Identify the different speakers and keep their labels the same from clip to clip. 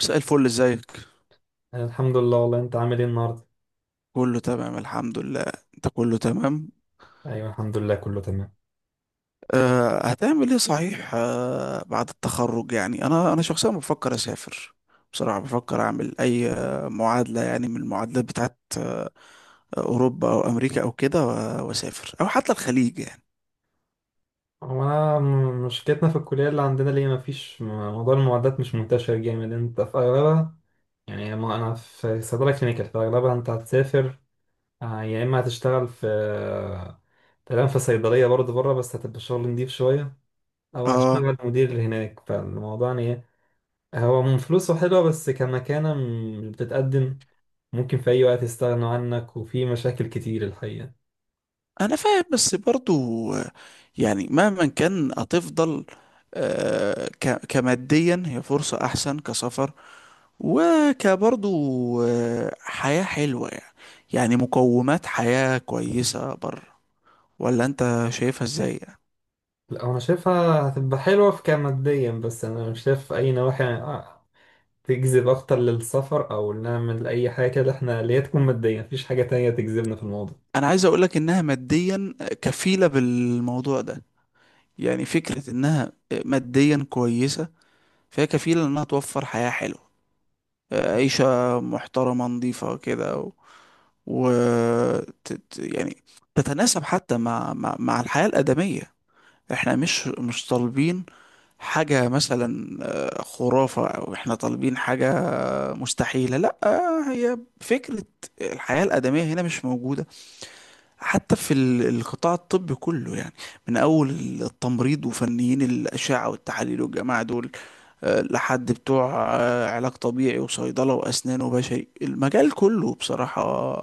Speaker 1: مساء الفل، ازيك؟
Speaker 2: أنا الحمد لله، والله انت عامل ايه النهارده؟
Speaker 1: كله تمام الحمد لله. انت كله تمام؟
Speaker 2: ايوه الحمد لله كله تمام.
Speaker 1: أه، هتعمل ايه صحيح أه، بعد التخرج؟ يعني انا شخصيا بفكر اسافر. بصراحة بفكر اعمل اي معادلة، يعني من المعادلات بتاعت اوروبا او امريكا او كده، واسافر او حتى الخليج يعني.
Speaker 2: هو انا مشكلتنا في الكليه اللي عندنا، ليه مفيش موضوع المعدات مش منتشر جامد انت في اغلبها. يعني ما انا في صيدله كلينيكال، في اغلبها انت هتسافر، يا اما هتشتغل في تمام، في صيدليه برضه بره، بس هتبقى شغل نضيف شويه، او
Speaker 1: اه
Speaker 2: هتشتغل مدير هناك. فالموضوع يعني ايه؟ هو من فلوسه حلوه بس كمكانه بتتقدم، ممكن في اي وقت يستغنوا عنك، وفي مشاكل كتير الحقيقه.
Speaker 1: انا فاهم، بس برضو يعني مهما كان هتفضل كماديا هي فرصة احسن كسفر، وكبرضو حياة حلوة يعني. يعني مقومات حياة كويسة بره، ولا انت شايفها ازاي يعني؟
Speaker 2: لا، انا شايفها هتبقى حلوة في كماديا، بس انا مش شايف اي نواحي تجذب اكتر للسفر، او نعمل اي حاجة كده احنا اللي هي تكون مادية. مفيش حاجة تانية تجذبنا في الموضوع.
Speaker 1: انا عايز اقولك انها ماديا كفيلة بالموضوع ده. يعني فكرة انها ماديا كويسة، فهي كفيلة انها توفر حياة حلوة، عيشة محترمة نظيفة كده، و... يعني تتناسب حتى مع الحياة الآدمية. احنا مش طالبين حاجة مثلا خرافة، أو إحنا طالبين حاجة مستحيلة، لأ. هي فكرة الحياة الآدمية هنا مش موجودة، حتى في القطاع الطبي كله يعني، من أول التمريض وفنيين الأشعة والتحاليل والجماعة دول لحد بتوع علاج طبيعي وصيدلة وأسنان وبشري، المجال كله بصراحة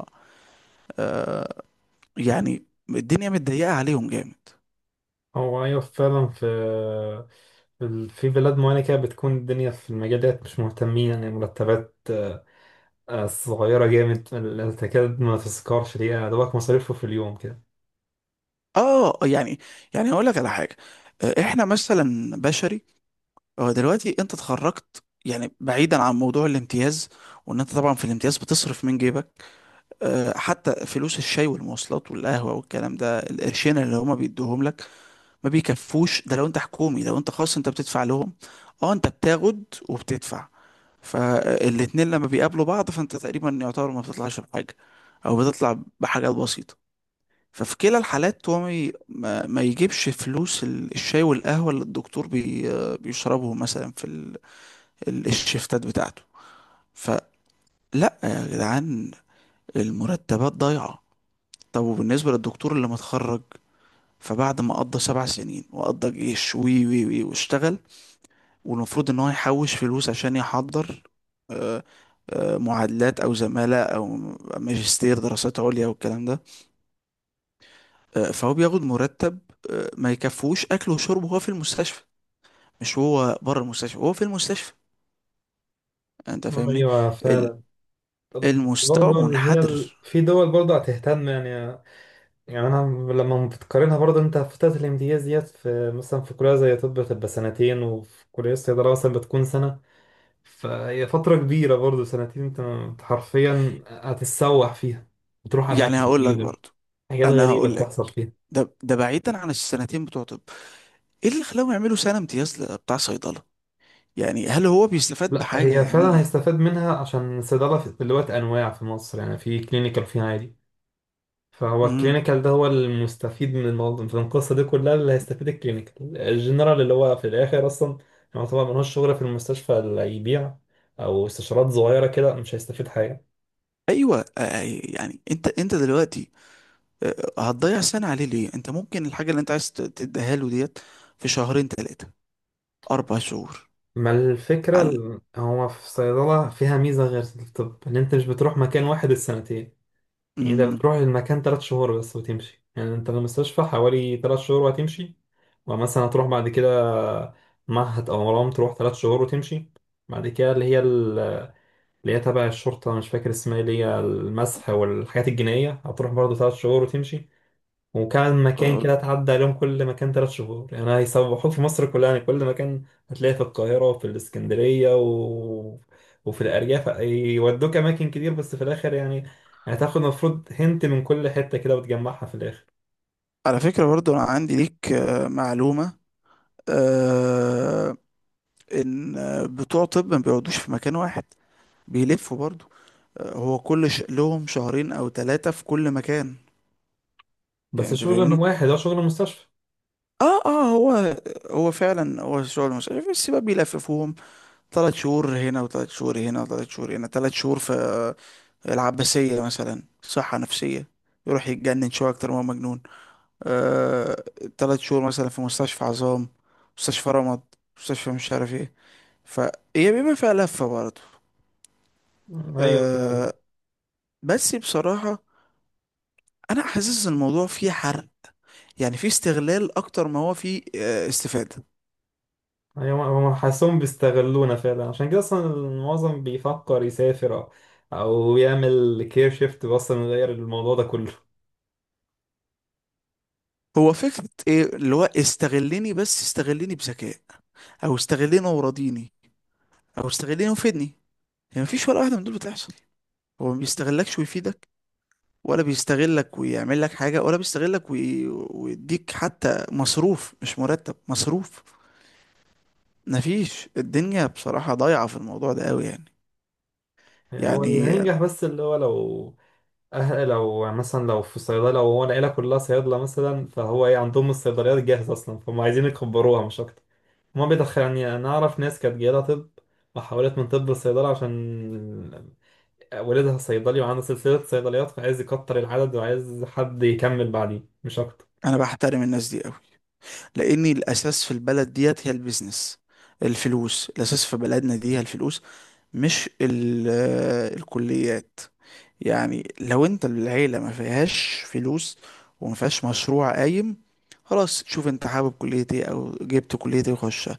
Speaker 1: يعني الدنيا متضيقة عليهم جامد.
Speaker 2: هو ايوه فعلا، في بلاد معينة كده بتكون الدنيا في المجال ده مش مهتمين. يعني مرتبات صغيرة جامد، تكاد ما تذكرش. دي يعني دوبك مصاريفه في اليوم كده.
Speaker 1: اه يعني، يعني هقول لك على حاجة. احنا مثلا بشري، هو دلوقتي انت اتخرجت، يعني بعيدا عن موضوع الامتياز، وان انت طبعا في الامتياز بتصرف من جيبك. اه، حتى فلوس الشاي والمواصلات والقهوة والكلام ده، القرشين اللي هما بيدوهم لك ما بيكفوش. ده لو انت حكومي. لو انت خاص انت بتدفع لهم، اه انت بتاخد وبتدفع. فالاتنين لما بيقابلوا بعض فانت تقريبا يعتبر ما بتطلعش بحاجة، او بتطلع بحاجات بسيطة. ففي كلا الحالات هو ما ي- ما ما يجيبش فلوس الشاي والقهوة اللي الدكتور بيشربهم مثلا في الشيفتات بتاعته. فلا يا جدعان، المرتبات ضايعة. طب وبالنسبة للدكتور اللي متخرج، فبعد ما قضى سبع سنين وقضى جيش وي وي وي واشتغل، والمفروض ان هو يحوش فلوس عشان يحضر معادلات او زمالة او ماجستير دراسات عليا والكلام ده، فهو بياخد مرتب ما يكفوش اكله وشربه وهو في المستشفى، مش هو بره المستشفى، هو في المستشفى. انت فاهمني؟
Speaker 2: ايوه
Speaker 1: ال-
Speaker 2: فعلا. طب
Speaker 1: المستوى
Speaker 2: برضه اللي هي
Speaker 1: منحدر.
Speaker 2: في دول برضه هتهتم. يعني انا لما بتقارنها برضه، انت فترة الامتياز ديت، في مثلا في كلية زي طب بتبقى سنتين، وفي كلية الصيدلة مثلا بتكون سنة. فهي فترة كبيرة برضه سنتين، أنت حرفيا هتتسوح فيها، بتروح
Speaker 1: يعني
Speaker 2: اماكن
Speaker 1: هقول لك
Speaker 2: جديدة.
Speaker 1: برضو،
Speaker 2: حاجات
Speaker 1: انا
Speaker 2: غريبة
Speaker 1: هقول
Speaker 2: بتحصل
Speaker 1: لك،
Speaker 2: فيها.
Speaker 1: ده بعيدا عن السنتين بتوع طب، ايه اللي خلاهم يعملوا سنة امتياز بتاع صيدلة؟ يعني هل هو بيستفاد
Speaker 2: لا،
Speaker 1: بحاجة
Speaker 2: هي فعلا
Speaker 1: يعني؟
Speaker 2: هيستفاد منها، عشان الصيدلة دلوقتي انواع في مصر، يعني في كلينيكال وفي عادي. فهو
Speaker 1: امم،
Speaker 2: الكلينيكال ده هو المستفيد من الموضوع، من القصة دي كلها اللي هيستفيد، الكلينيكال الجنرال اللي هو في الآخر أصلا. يعني طبعا ملوش شغل في المستشفى. اللي يبيع أو استشارات صغيرة كده مش هيستفيد حاجة.
Speaker 1: ايوه يعني انت دلوقتي هتضيع سنة عليه ليه؟ انت ممكن الحاجة اللي انت عايز تديها له ديت في شهرين ثلاثة اربع شهور.
Speaker 2: ما الفكرة
Speaker 1: على،
Speaker 2: هو في صيدلة فيها ميزة غير الطب، إن أنت مش بتروح مكان واحد السنتين. يعني أنت
Speaker 1: امم،
Speaker 2: بتروح المكان تلات شهور بس وتمشي، يعني أنت في المستشفى حوالي تلات شهور وهتمشي. ومثلا هتروح بعد كده معهد أو مرام، تروح تلات شهور وتمشي. بعد كده اللي هي تبع الشرطة، مش فاكر اسمها إيه، اللي هي المسح والحاجات الجنائية، هتروح برضه تلات شهور وتمشي. وكان مكان
Speaker 1: آه،
Speaker 2: كده تعدى عليهم، كل مكان تلات شهور. يعني هيسوحوك في مصر كلها، يعني كل مكان هتلاقي في القاهرة وفي الإسكندرية و وفي الأرياف، يودوك أماكن كتير. بس في الآخر يعني، هتاخد المفروض هنت من كل حتة كده وتجمعها في الآخر.
Speaker 1: على فكرة برضو انا عندي ليك معلومة، آه، ان بتوع طب ما بيقعدوش في مكان واحد، بيلفوا برضو. هو لهم شهرين او ثلاثة في كل مكان. يعني
Speaker 2: بس
Speaker 1: انت
Speaker 2: شغل
Speaker 1: فاهمني؟
Speaker 2: واحد، هو شغل مستشفى.
Speaker 1: اه اه، هو فعلا هو شغل مش عارف، بس بقى بيلففوهم ثلاث شهور هنا وثلاث شهور هنا وثلاث شهور هنا، ثلاث شهور في العباسية مثلا صحة نفسية، يروح يتجنن شوية أكتر ما هو مجنون، آه، تلات شهور مثلا في مستشفى عظام، مستشفى رمد، مستشفى مش عارف ايه. فهي بيبقى فيها لفة برضه.
Speaker 2: أيوه.
Speaker 1: آه، بس بصراحة أنا حاسس إن الموضوع فيه حرق، يعني في استغلال اكتر ما هو في استفادة.
Speaker 2: أيوة، هم حاسسهم بيستغلونا فعلا. عشان كده اصلا المعظم بيفكر يسافر او يعمل كير شيفت، بس انه يغير الموضوع ده كله.
Speaker 1: هو فكرة ايه؟ اللي هو استغلني بس استغلني بذكاء، او استغلني وراضيني، او استغلني وفدني. يعني مفيش ولا واحدة من دول بتحصل. هو ما بيستغلكش ويفيدك، ولا بيستغلك ويعمل لك حاجة، ولا بيستغلك ويديك حتى مصروف، مش مرتب، مصروف. مفيش. الدنيا بصراحة ضايعة في الموضوع ده قوي يعني.
Speaker 2: يعني هو اللي
Speaker 1: يعني
Speaker 2: هينجح، بس اللي هو لو، أهل لو مثلا، لو في صيدلة، لو هو العيلة كلها صيادلة مثلا، فهو ايه عندهم الصيدليات جاهزة أصلا، فهم عايزين يكبروها مش أكتر. هما بيدخل يعني، أنا أعرف ناس كانت جايلها طب، وحولت من طب لصيدلة عشان والدها صيدلي وعنده سلسلة صيدليات، فعايز يكتر العدد وعايز حد يكمل بعديه مش أكتر.
Speaker 1: انا بحترم الناس دي قوي، لان الاساس في البلد ديت هي البيزنس، الفلوس. الاساس في بلدنا دي هي الفلوس، مش الكليات. يعني لو انت العيلة ما فيهاش فلوس وما فيهاش مشروع قايم، خلاص شوف انت حابب كلية ايه او جبت كلية ايه وخشها.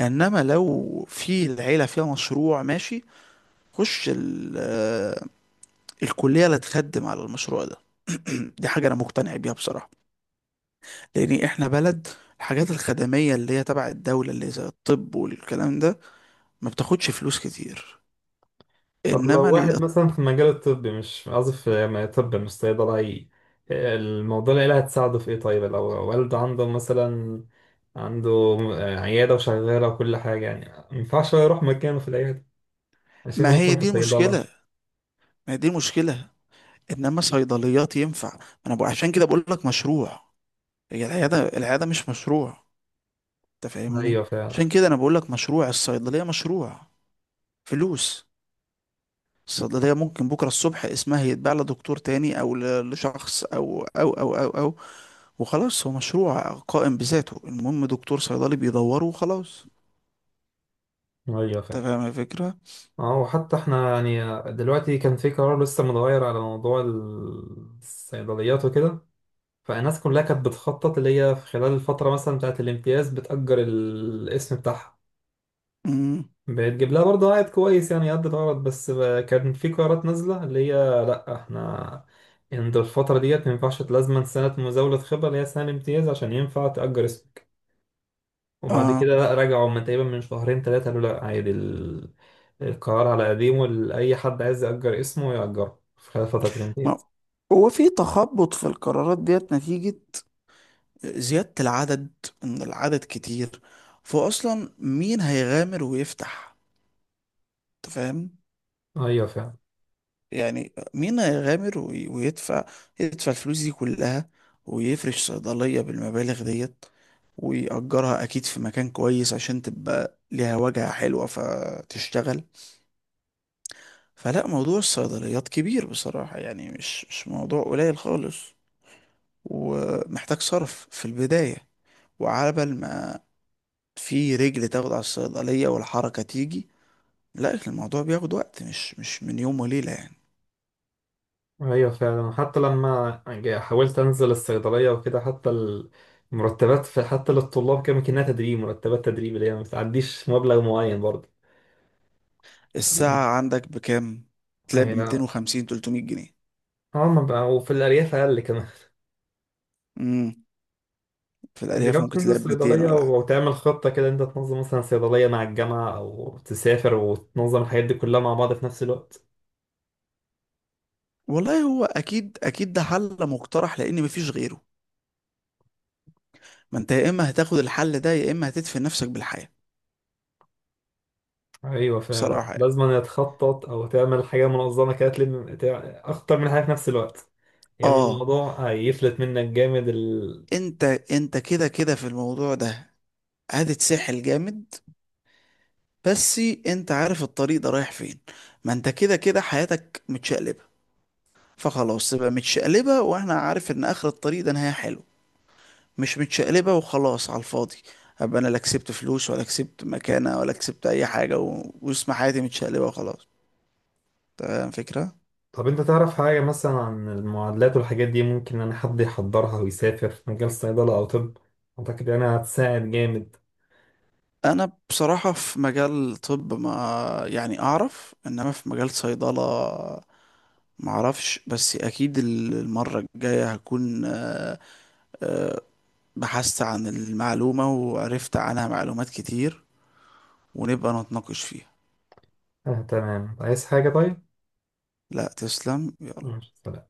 Speaker 1: انما لو في العيلة فيها مشروع ماشي، خش الكلية اللي تخدم على المشروع ده. دي حاجة انا مقتنع بيها بصراحة، لان احنا بلد الحاجات الخدميه اللي هي تبع الدوله اللي زي الطب والكلام ده ما بتاخدش فلوس كتير،
Speaker 2: طب لو
Speaker 1: انما ال...
Speaker 2: واحد مثلا في المجال الطبي، مش قصدي في طب، مش صيدلة، الموضوع العيلة هتساعده في ايه؟ طيب لو والده عنده مثلا، عنده عيادة وشغالة وكل حاجة، يعني مينفعش يروح مكانه في العيادة؟ عشان كده
Speaker 1: ما
Speaker 2: ممكن
Speaker 1: هي
Speaker 2: في
Speaker 1: دي
Speaker 2: لازم صيدلة.
Speaker 1: المشكله، ما هي دي المشكله. انما صيدليات ينفع. انا بقول، عشان كده بقول لك مشروع، هي العياده، العياده مش مشروع، انت فاهمني؟
Speaker 2: أيوة
Speaker 1: عشان
Speaker 2: فعلا.
Speaker 1: كده انا بقول لك مشروع الصيدليه، مشروع فلوس. الصيدلية ممكن بكرة الصبح اسمها يتباع لدكتور تاني، أو لشخص، أو وخلاص. هو مشروع قائم بذاته، المهم دكتور صيدلي بيدوره وخلاص.
Speaker 2: أيوة
Speaker 1: انت
Speaker 2: فعلا.
Speaker 1: فاهم الفكرة؟
Speaker 2: اه، وحتى احنا يعني دلوقتي كان في قرار لسه متغير على موضوع الصيدليات وكده، فالناس كلها كانت بتخطط اللي هي في خلال الفترة مثلا بتاعت الامتياز بتأجر الاسم بتاعها،
Speaker 1: امم،
Speaker 2: بتجيب لها برضه عائد كويس، يعني قد الغرض. بس كان في قرارات نازلة اللي هي، لأ احنا عند الفترة ديت ما ينفعش، لازما سنة مزاولة خبرة اللي هي سنة امتياز عشان ينفع تأجر اسمك. وبعد
Speaker 1: اه.
Speaker 2: كده لأ، رجعوا من تقريبا من شهرين تلاتة، قالوا لأ عادي، القرار على قديمه، أي حد عايز يأجر اسمه يأجره في خلال فترة
Speaker 1: ما
Speaker 2: الامتياز.
Speaker 1: هو في تخبط في القرارات ديت نتيجة زيادة العدد، ان العدد كتير، فاصلا مين هيغامر ويفتح؟ انت فاهم؟
Speaker 2: أيوة فعلا.
Speaker 1: يعني مين هيغامر ويدفع، يدفع الفلوس دي كلها، ويفرش صيدلية بالمبالغ ديت، ويأجرها أكيد في مكان كويس عشان تبقى ليها واجهة حلوة فتشتغل؟ فلا، موضوع الصيدليات كبير بصراحة يعني، مش موضوع قليل خالص، ومحتاج صرف في البداية، وعبل ما في رجل تاخد على الصيدلية والحركة تيجي، لا، الموضوع بياخد وقت، مش من يوم وليلة يعني.
Speaker 2: ايوه فعلا، حتى لما حاولت انزل الصيدليه وكده، حتى المرتبات، في حتى للطلاب، كان كأنها تدريب، مرتبات تدريب اللي هي ما بتعديش مبلغ معين برضه. تمام.
Speaker 1: الساعة عندك بكام؟ تلاقي ب
Speaker 2: هي،
Speaker 1: 250 300 جنيه.
Speaker 2: اه ما بقى، وفي الارياف اقل كمان.
Speaker 1: امم، في
Speaker 2: انت
Speaker 1: الأرياف
Speaker 2: جربت
Speaker 1: ممكن
Speaker 2: تنزل
Speaker 1: تلاقي ب 200
Speaker 2: صيدليه
Speaker 1: ولا حاجة.
Speaker 2: وتعمل خطه كده، انت تنظم مثلا صيدليه مع الجامعه او تسافر وتنظم الحاجات دي كلها مع بعض في نفس الوقت؟
Speaker 1: والله هو أكيد أكيد ده حل مقترح لأن مفيش غيره. ما أنت يا إما هتاخد الحل ده، يا إما هتدفن نفسك بالحياة.
Speaker 2: ايوه فعلا،
Speaker 1: بصراحة يعني.
Speaker 2: لازم أن تخطط او تعمل حاجه منظمه كده، تلم اكتر من حاجه في نفس الوقت. يا اما
Speaker 1: اه
Speaker 2: الموضوع هيفلت منك جامد.
Speaker 1: انت كده كده في الموضوع ده هتتسحل جامد، بس انت عارف الطريق ده رايح فين. ما انت كده كده حياتك متشقلبة، فخلاص تبقى متشقلبة واحنا عارف ان اخر الطريق ده نهاية حلو، مش متشقلبة وخلاص على الفاضي، ابقى انا لا كسبت فلوس ولا كسبت مكانة ولا كسبت اي حاجة واسم حياتي متشقلبة وخلاص. تمام فكرة.
Speaker 2: طب انت تعرف حاجة مثلا عن المعادلات والحاجات دي، ممكن ان حد يحضرها ويسافر في مجال صيدلة او طب؟ اعتقد انها هتساعد جامد.
Speaker 1: انا بصراحة في مجال طب ما، يعني اعرف، انما في مجال صيدلة معرفش، بس اكيد المرة الجاية هكون بحثت عن المعلومة وعرفت عنها معلومات كتير، ونبقى نتناقش فيها.
Speaker 2: آه تمام، عايز حاجة طيب؟
Speaker 1: لا تسلم.
Speaker 2: ماشي، سلام.